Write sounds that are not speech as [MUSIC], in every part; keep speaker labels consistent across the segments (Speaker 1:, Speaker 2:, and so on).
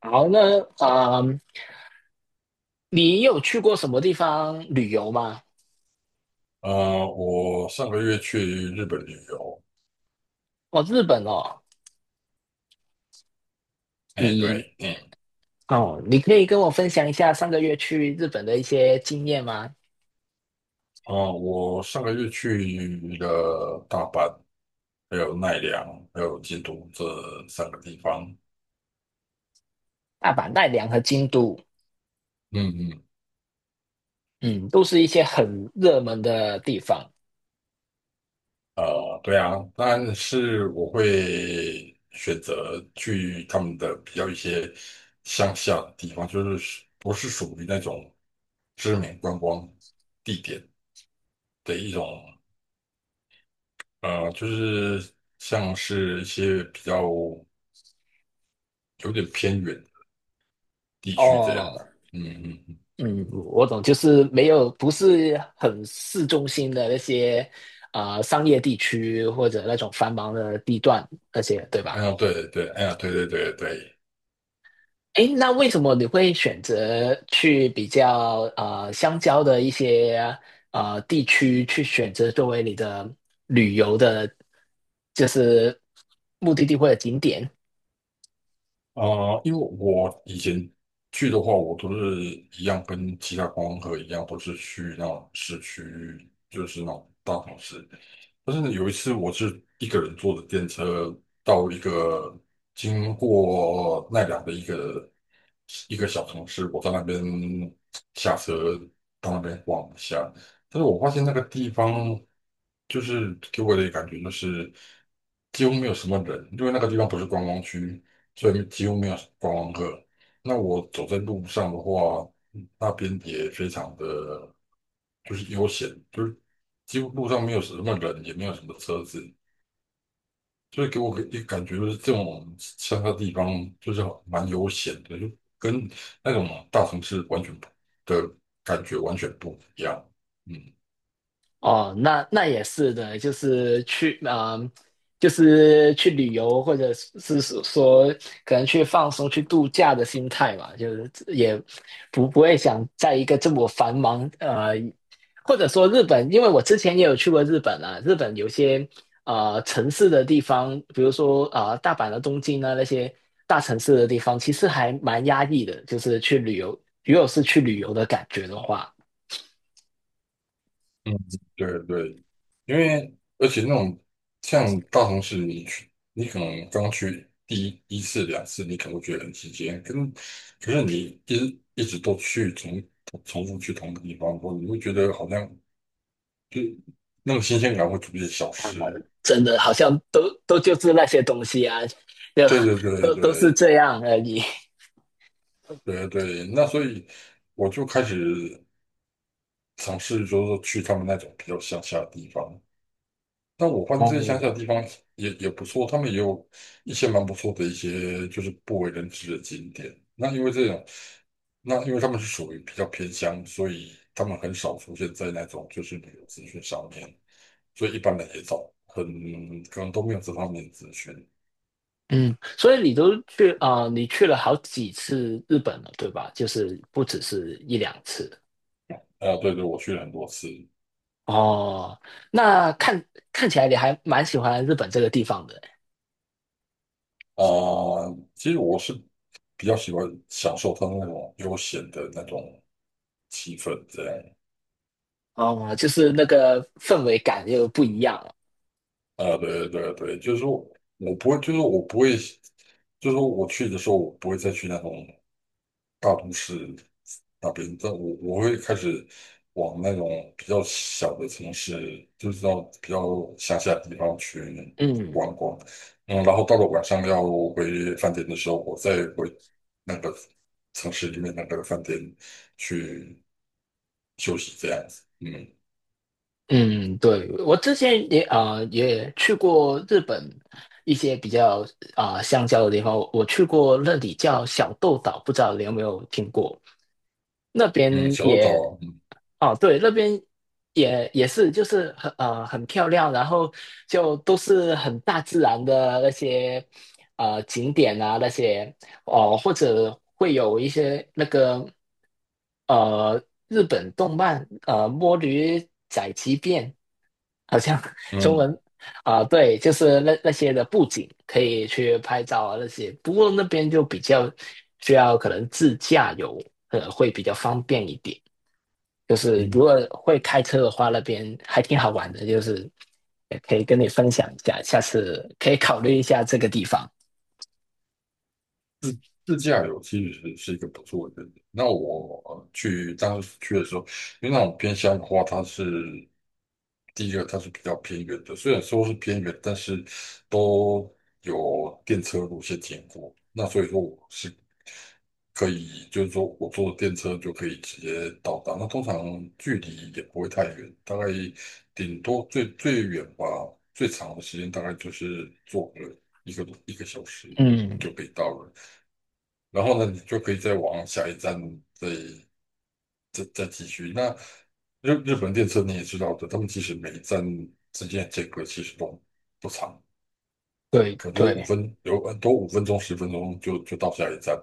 Speaker 1: 好，那你有去过什么地方旅游吗？
Speaker 2: 我上个月去日本旅游。
Speaker 1: 哦，日本哦，
Speaker 2: 哎，
Speaker 1: 你
Speaker 2: 对，嗯。
Speaker 1: 哦，你可以跟我分享一下上个月去日本的一些经验吗？
Speaker 2: 啊、我上个月去了大阪，还有奈良，还有京都这三个地方。
Speaker 1: 大阪、奈良和京都，
Speaker 2: 嗯嗯。
Speaker 1: 嗯，都是一些很热门的地方
Speaker 2: 对啊，但是我会选择去他们的比较一些乡下的地方，就是不是属于那种知名观光地点的一种，就是像是一些比较有点偏远，地区这样子。
Speaker 1: 哦。
Speaker 2: 嗯嗯嗯。
Speaker 1: 嗯，我懂，就是没有不是很市中心的那些商业地区或者那种繁忙的地段那些，对
Speaker 2: 哎
Speaker 1: 吧？
Speaker 2: 呀，对对。哎呀，对对对对。
Speaker 1: 诶，那为什么你会选择去比较相交的一些地区去选择作为你的旅游的，就是目的地或者景点？
Speaker 2: 啊、因为我以前去的话，我都是一样跟其他观光客一样，都是去那种市区，就是那种大城市。但是有一次我是一个人坐的电车到一个经过奈良的一个小城市，我在那边下车到那边逛一下。但是我发现那个地方就是给我的感觉就是几乎没有什么人，因为那个地方不是观光区，所以几乎没有观光客。那我走在路上的话，那边也非常的就是悠闲，就是几乎路上没有什么人，也没有什么车子，所以给我一个感觉就是这种乡下地方就是蛮悠闲的，就跟那种大城市完全不的感觉完全不一样。嗯。
Speaker 1: 哦，那那也是的，就是去就是去旅游，或者是说可能去放松、去度假的心态嘛，就是也不会想在一个这么繁忙,或者说日本，因为我之前也有去过日本啊，日本有些呃城市的地方，比如说大阪的东京啊那些大城市的地方，其实还蛮压抑的，就是去旅游，如果是去旅游的感觉的话。
Speaker 2: 嗯，对对，因为而且那种像大城市，你可能刚去第一次两次，你可能会觉得很新鲜，跟可是你一直一直都去重复去同一个地方，你会觉得好像，就那种新鲜感会逐渐消
Speaker 1: 啊，
Speaker 2: 失。
Speaker 1: 真的好像都就是那些东西啊，就
Speaker 2: 对对对
Speaker 1: 都是
Speaker 2: 对
Speaker 1: 这样而已。
Speaker 2: 对对。那所以我就开始尝试，就是说去他们那种比较乡下的地方。但我发现这些乡下
Speaker 1: 哦，
Speaker 2: 的地方也不错，他们也有一些蛮不错的一些就是不为人知的景点。那因为他们是属于比较偏乡，所以他们很少出现在那种就是旅游资讯上面，所以一般人也少，很可能都没有这方面的资讯。
Speaker 1: 嗯，所以你都去你去了好几次日本了，对吧？就是不只是一两次。
Speaker 2: 啊、对对，我去了很多次。
Speaker 1: 哦，那看起来你还蛮喜欢日本这个地方的。
Speaker 2: 啊、其实我是比较喜欢享受它那种悠闲的那种气氛，这样。
Speaker 1: 哦，就是那个氛围感又不一样了。
Speaker 2: 啊，对对对，就是说我不会，就是我不会，就是说我去的时候，我不会再去那种大都市那边，但我会开始往那种比较小的城市，就是到比较乡下的地方去
Speaker 1: 嗯
Speaker 2: 逛逛。嗯，然后到了晚上要回饭店的时候，我再回那个城市里面那个饭店去休息，这样子。嗯
Speaker 1: 嗯，对，我之前也也去过日本一些比较乡郊的地方，我去过那里叫小豆岛，不知道你有没有听过？那
Speaker 2: 嗯。
Speaker 1: 边
Speaker 2: 小鹿岛
Speaker 1: 也
Speaker 2: 啊，嗯。
Speaker 1: 哦，对，那边也是，就是很很漂亮，然后就都是很大自然的那些呃景点啊，那些哦、或者会有一些那个呃日本动漫呃《摸驴宅急变》，好像 [LAUGHS] 中
Speaker 2: 嗯
Speaker 1: 文啊、对，就是那那些的布景可以去拍照啊那些，不过那边就比较需要可能自驾游，呃，会比较方便一点。就是如果
Speaker 2: 嗯
Speaker 1: 会开车的话，那边还挺好玩的，就是也可以跟你分享一下，下次可以考虑一下这个地方。
Speaker 2: 自驾游其实是一个不错的选择。那我当时去的时候，因为那种偏乡的话，它是第一个它是比较偏远的，虽然说是偏远，但是都有电车路线经过。那所以说我是可以，就是说我坐电车就可以直接到达。那通常距离也不会太远，大概顶多最远吧，最长的时间大概就是坐个一个小时就
Speaker 1: 嗯，
Speaker 2: 可以到了。然后呢，你就可以再往下一站再再继续。那日本电车你也知道的，他们其实每一站之间的间隔其实都不长，
Speaker 1: 对
Speaker 2: 可能就是五
Speaker 1: 对
Speaker 2: 分，有很多5分钟、10分钟就到下一站。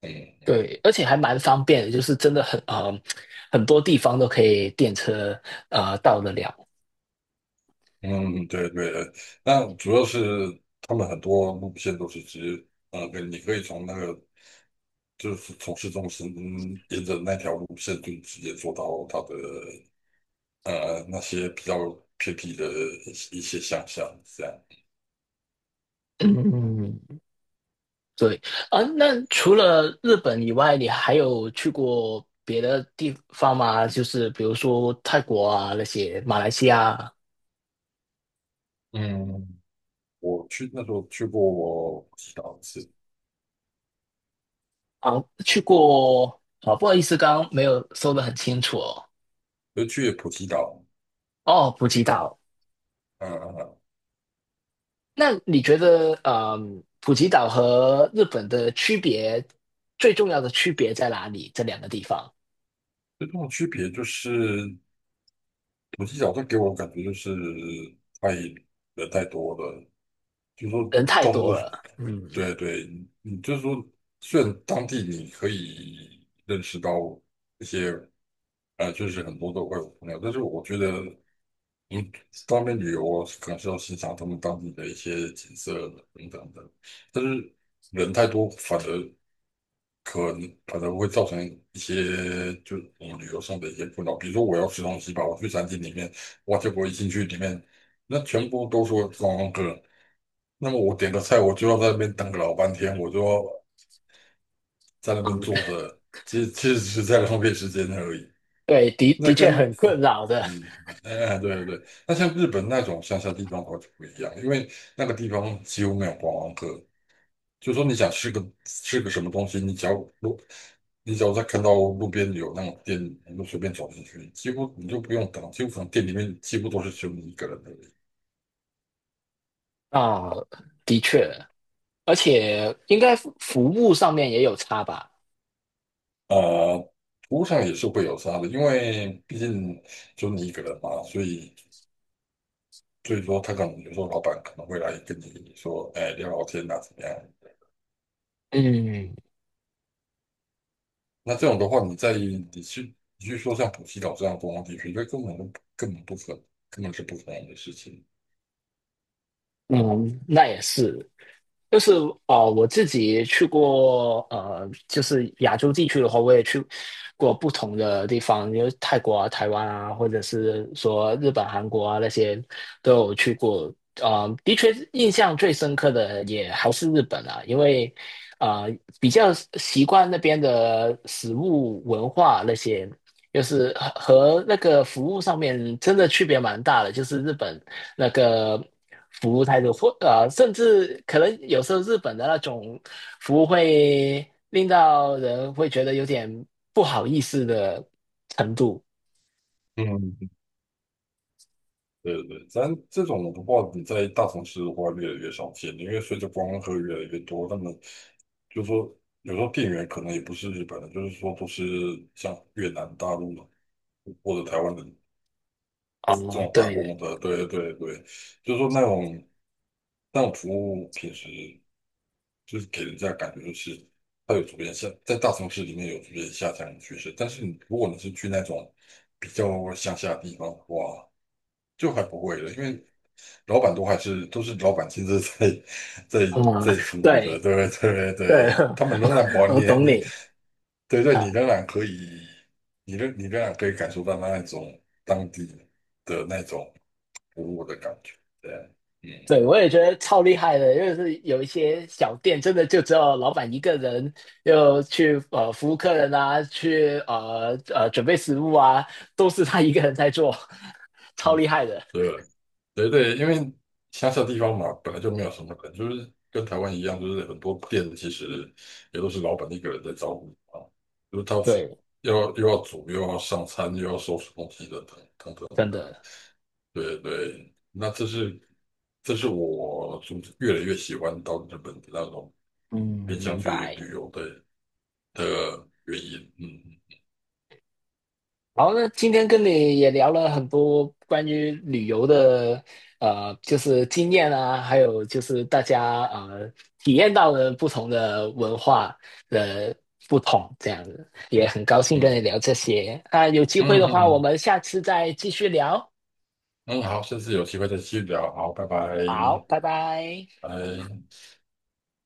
Speaker 2: 嗯
Speaker 1: 对，而且还蛮方便的，就是真的很多地方都可以电车到得了。
Speaker 2: 嗯，对对，那主要是他们很多路线都是直接跟你可以从那个就是从市中心沿着那条路线就直接坐到它的那些比较偏僻的一些乡下这样。
Speaker 1: 嗯，对啊，那除了日本以外，你还有去过别的地方吗？就是比如说泰国啊那些，马来西亚啊
Speaker 2: 嗯，我去那时候去过我普吉岛一次，
Speaker 1: 啊，去过啊，不好意思，刚刚没有说的很清楚哦。
Speaker 2: 就去普吉岛。
Speaker 1: 哦，普吉岛，
Speaker 2: 嗯。
Speaker 1: 那你觉得，嗯，普吉岛和日本的区别，最重要的区别在哪里？这两个地方
Speaker 2: 最重要的区别就是普吉岛它给我感觉就是太人太多了，就是说
Speaker 1: 人太
Speaker 2: 到处
Speaker 1: 多
Speaker 2: 都是。
Speaker 1: 了，嗯
Speaker 2: 对对，你就是说虽然当地你可以认识到一些就是很多的外国朋友，但是我觉得你当面旅游啊可能是要欣赏他们当地的一些景色等等的，但是人太多反而，可能会造成一些就是我们旅游上的一些困扰。比如说我要吃东西吧，我去餐厅里面，哇，结果一进去里面，那全部都说观光客，那么我点个菜，我就要在那边等个老半天，我就要在那边
Speaker 1: 嗯，
Speaker 2: 坐
Speaker 1: [LAUGHS]
Speaker 2: 着，其实只是在浪费时间而已。
Speaker 1: 对，的
Speaker 2: 那
Speaker 1: 的确
Speaker 2: 跟
Speaker 1: 很困扰的
Speaker 2: 嗯，哎，对对对，那像日本那种乡下地方的话就不一样，因为那个地方几乎没有观光客，就说你想吃个什么东西，路，你只要在看到路边有那种店，你就随便走进去，几乎你就不用等，几乎可能店里面几乎都是只有你一个人的。
Speaker 1: 啊，的确，而且应该服务上面也有差吧？
Speaker 2: 呃，服务上也是会有差的，因为毕竟就你一个人嘛，所以说他可能有时候老板可能会来跟你说，哎，聊聊天呐，怎么样？
Speaker 1: 嗯
Speaker 2: 那这种的话，你去说像普吉岛这样的观光地区，这根本就根本不可能，根本是不可能的事情。
Speaker 1: 嗯，那也是，就是哦，我自己去过，呃，就是亚洲地区的话，我也去过不同的地方，因为泰国啊、台湾啊，或者是说日本、韩国啊那些都有去过。啊、的确，印象最深刻的也还是日本啊，因为比较习惯那边的食物文化那些，就是和那个服务上面真的区别蛮大的，就是日本。那个服务态度，或,甚至可能有时候日本的那种服务会令到人会觉得有点不好意思的程度。
Speaker 2: 嗯。对对对，咱这种的话，你在大城市的话越来越少见，因为随着观光客越来越多，那么就说有时候店员可能也不是日本人，就是说都是像越南、大陆或者台湾的这
Speaker 1: 哦，
Speaker 2: 种打
Speaker 1: 对，
Speaker 2: 工的，对对对，就是说那种服务平时就是给人家感觉就是它有逐渐下，在大城市里面有逐渐下降的趋势，但是你如果你是去那种比较乡下的地方的话，就还不会了，因为老板都还是都是老板亲自在在
Speaker 1: 嗯，
Speaker 2: 服务的，
Speaker 1: 对
Speaker 2: 对对
Speaker 1: 对，
Speaker 2: 对，他们仍然
Speaker 1: [LAUGHS]
Speaker 2: 保
Speaker 1: 我
Speaker 2: 你
Speaker 1: 懂
Speaker 2: 你
Speaker 1: 你
Speaker 2: 对对，
Speaker 1: 啊，
Speaker 2: 你仍然可以感受到那一种当地的那种服务的感觉，对。嗯。
Speaker 1: 对我也觉得超厉害的，因为是有一些小店真的就只有老板一个人，又去服务客人啊，去准备食物啊，都是他一个人在做，[LAUGHS] 超
Speaker 2: 嗯
Speaker 1: 厉害的，
Speaker 2: 对对对，因为乡下地方嘛，本来就没有什么人，就是跟台湾一样，就是很多店其实也都是老板一个人在招呼啊，就是他
Speaker 1: 对，
Speaker 2: 要又要煮又要上餐又要收拾东西的等等
Speaker 1: 真
Speaker 2: 等。
Speaker 1: 的。
Speaker 2: 对对，那这是我就越来越喜欢到日本的那种
Speaker 1: 嗯，
Speaker 2: 偏向
Speaker 1: 明
Speaker 2: 去
Speaker 1: 白。
Speaker 2: 旅游的原因。嗯
Speaker 1: 好，那今天跟你也聊了很多关于旅游的，呃，就是经验啊，还有就是大家呃体验到的不同的文化的不同，这样子也很高兴跟你
Speaker 2: 嗯
Speaker 1: 聊这些。那有机会
Speaker 2: 嗯
Speaker 1: 的
Speaker 2: 嗯
Speaker 1: 话，我
Speaker 2: 嗯。
Speaker 1: 们下次再继续聊。
Speaker 2: 嗯好，下次有机会再继续聊。好，拜拜，
Speaker 1: 好，拜拜。
Speaker 2: 拜。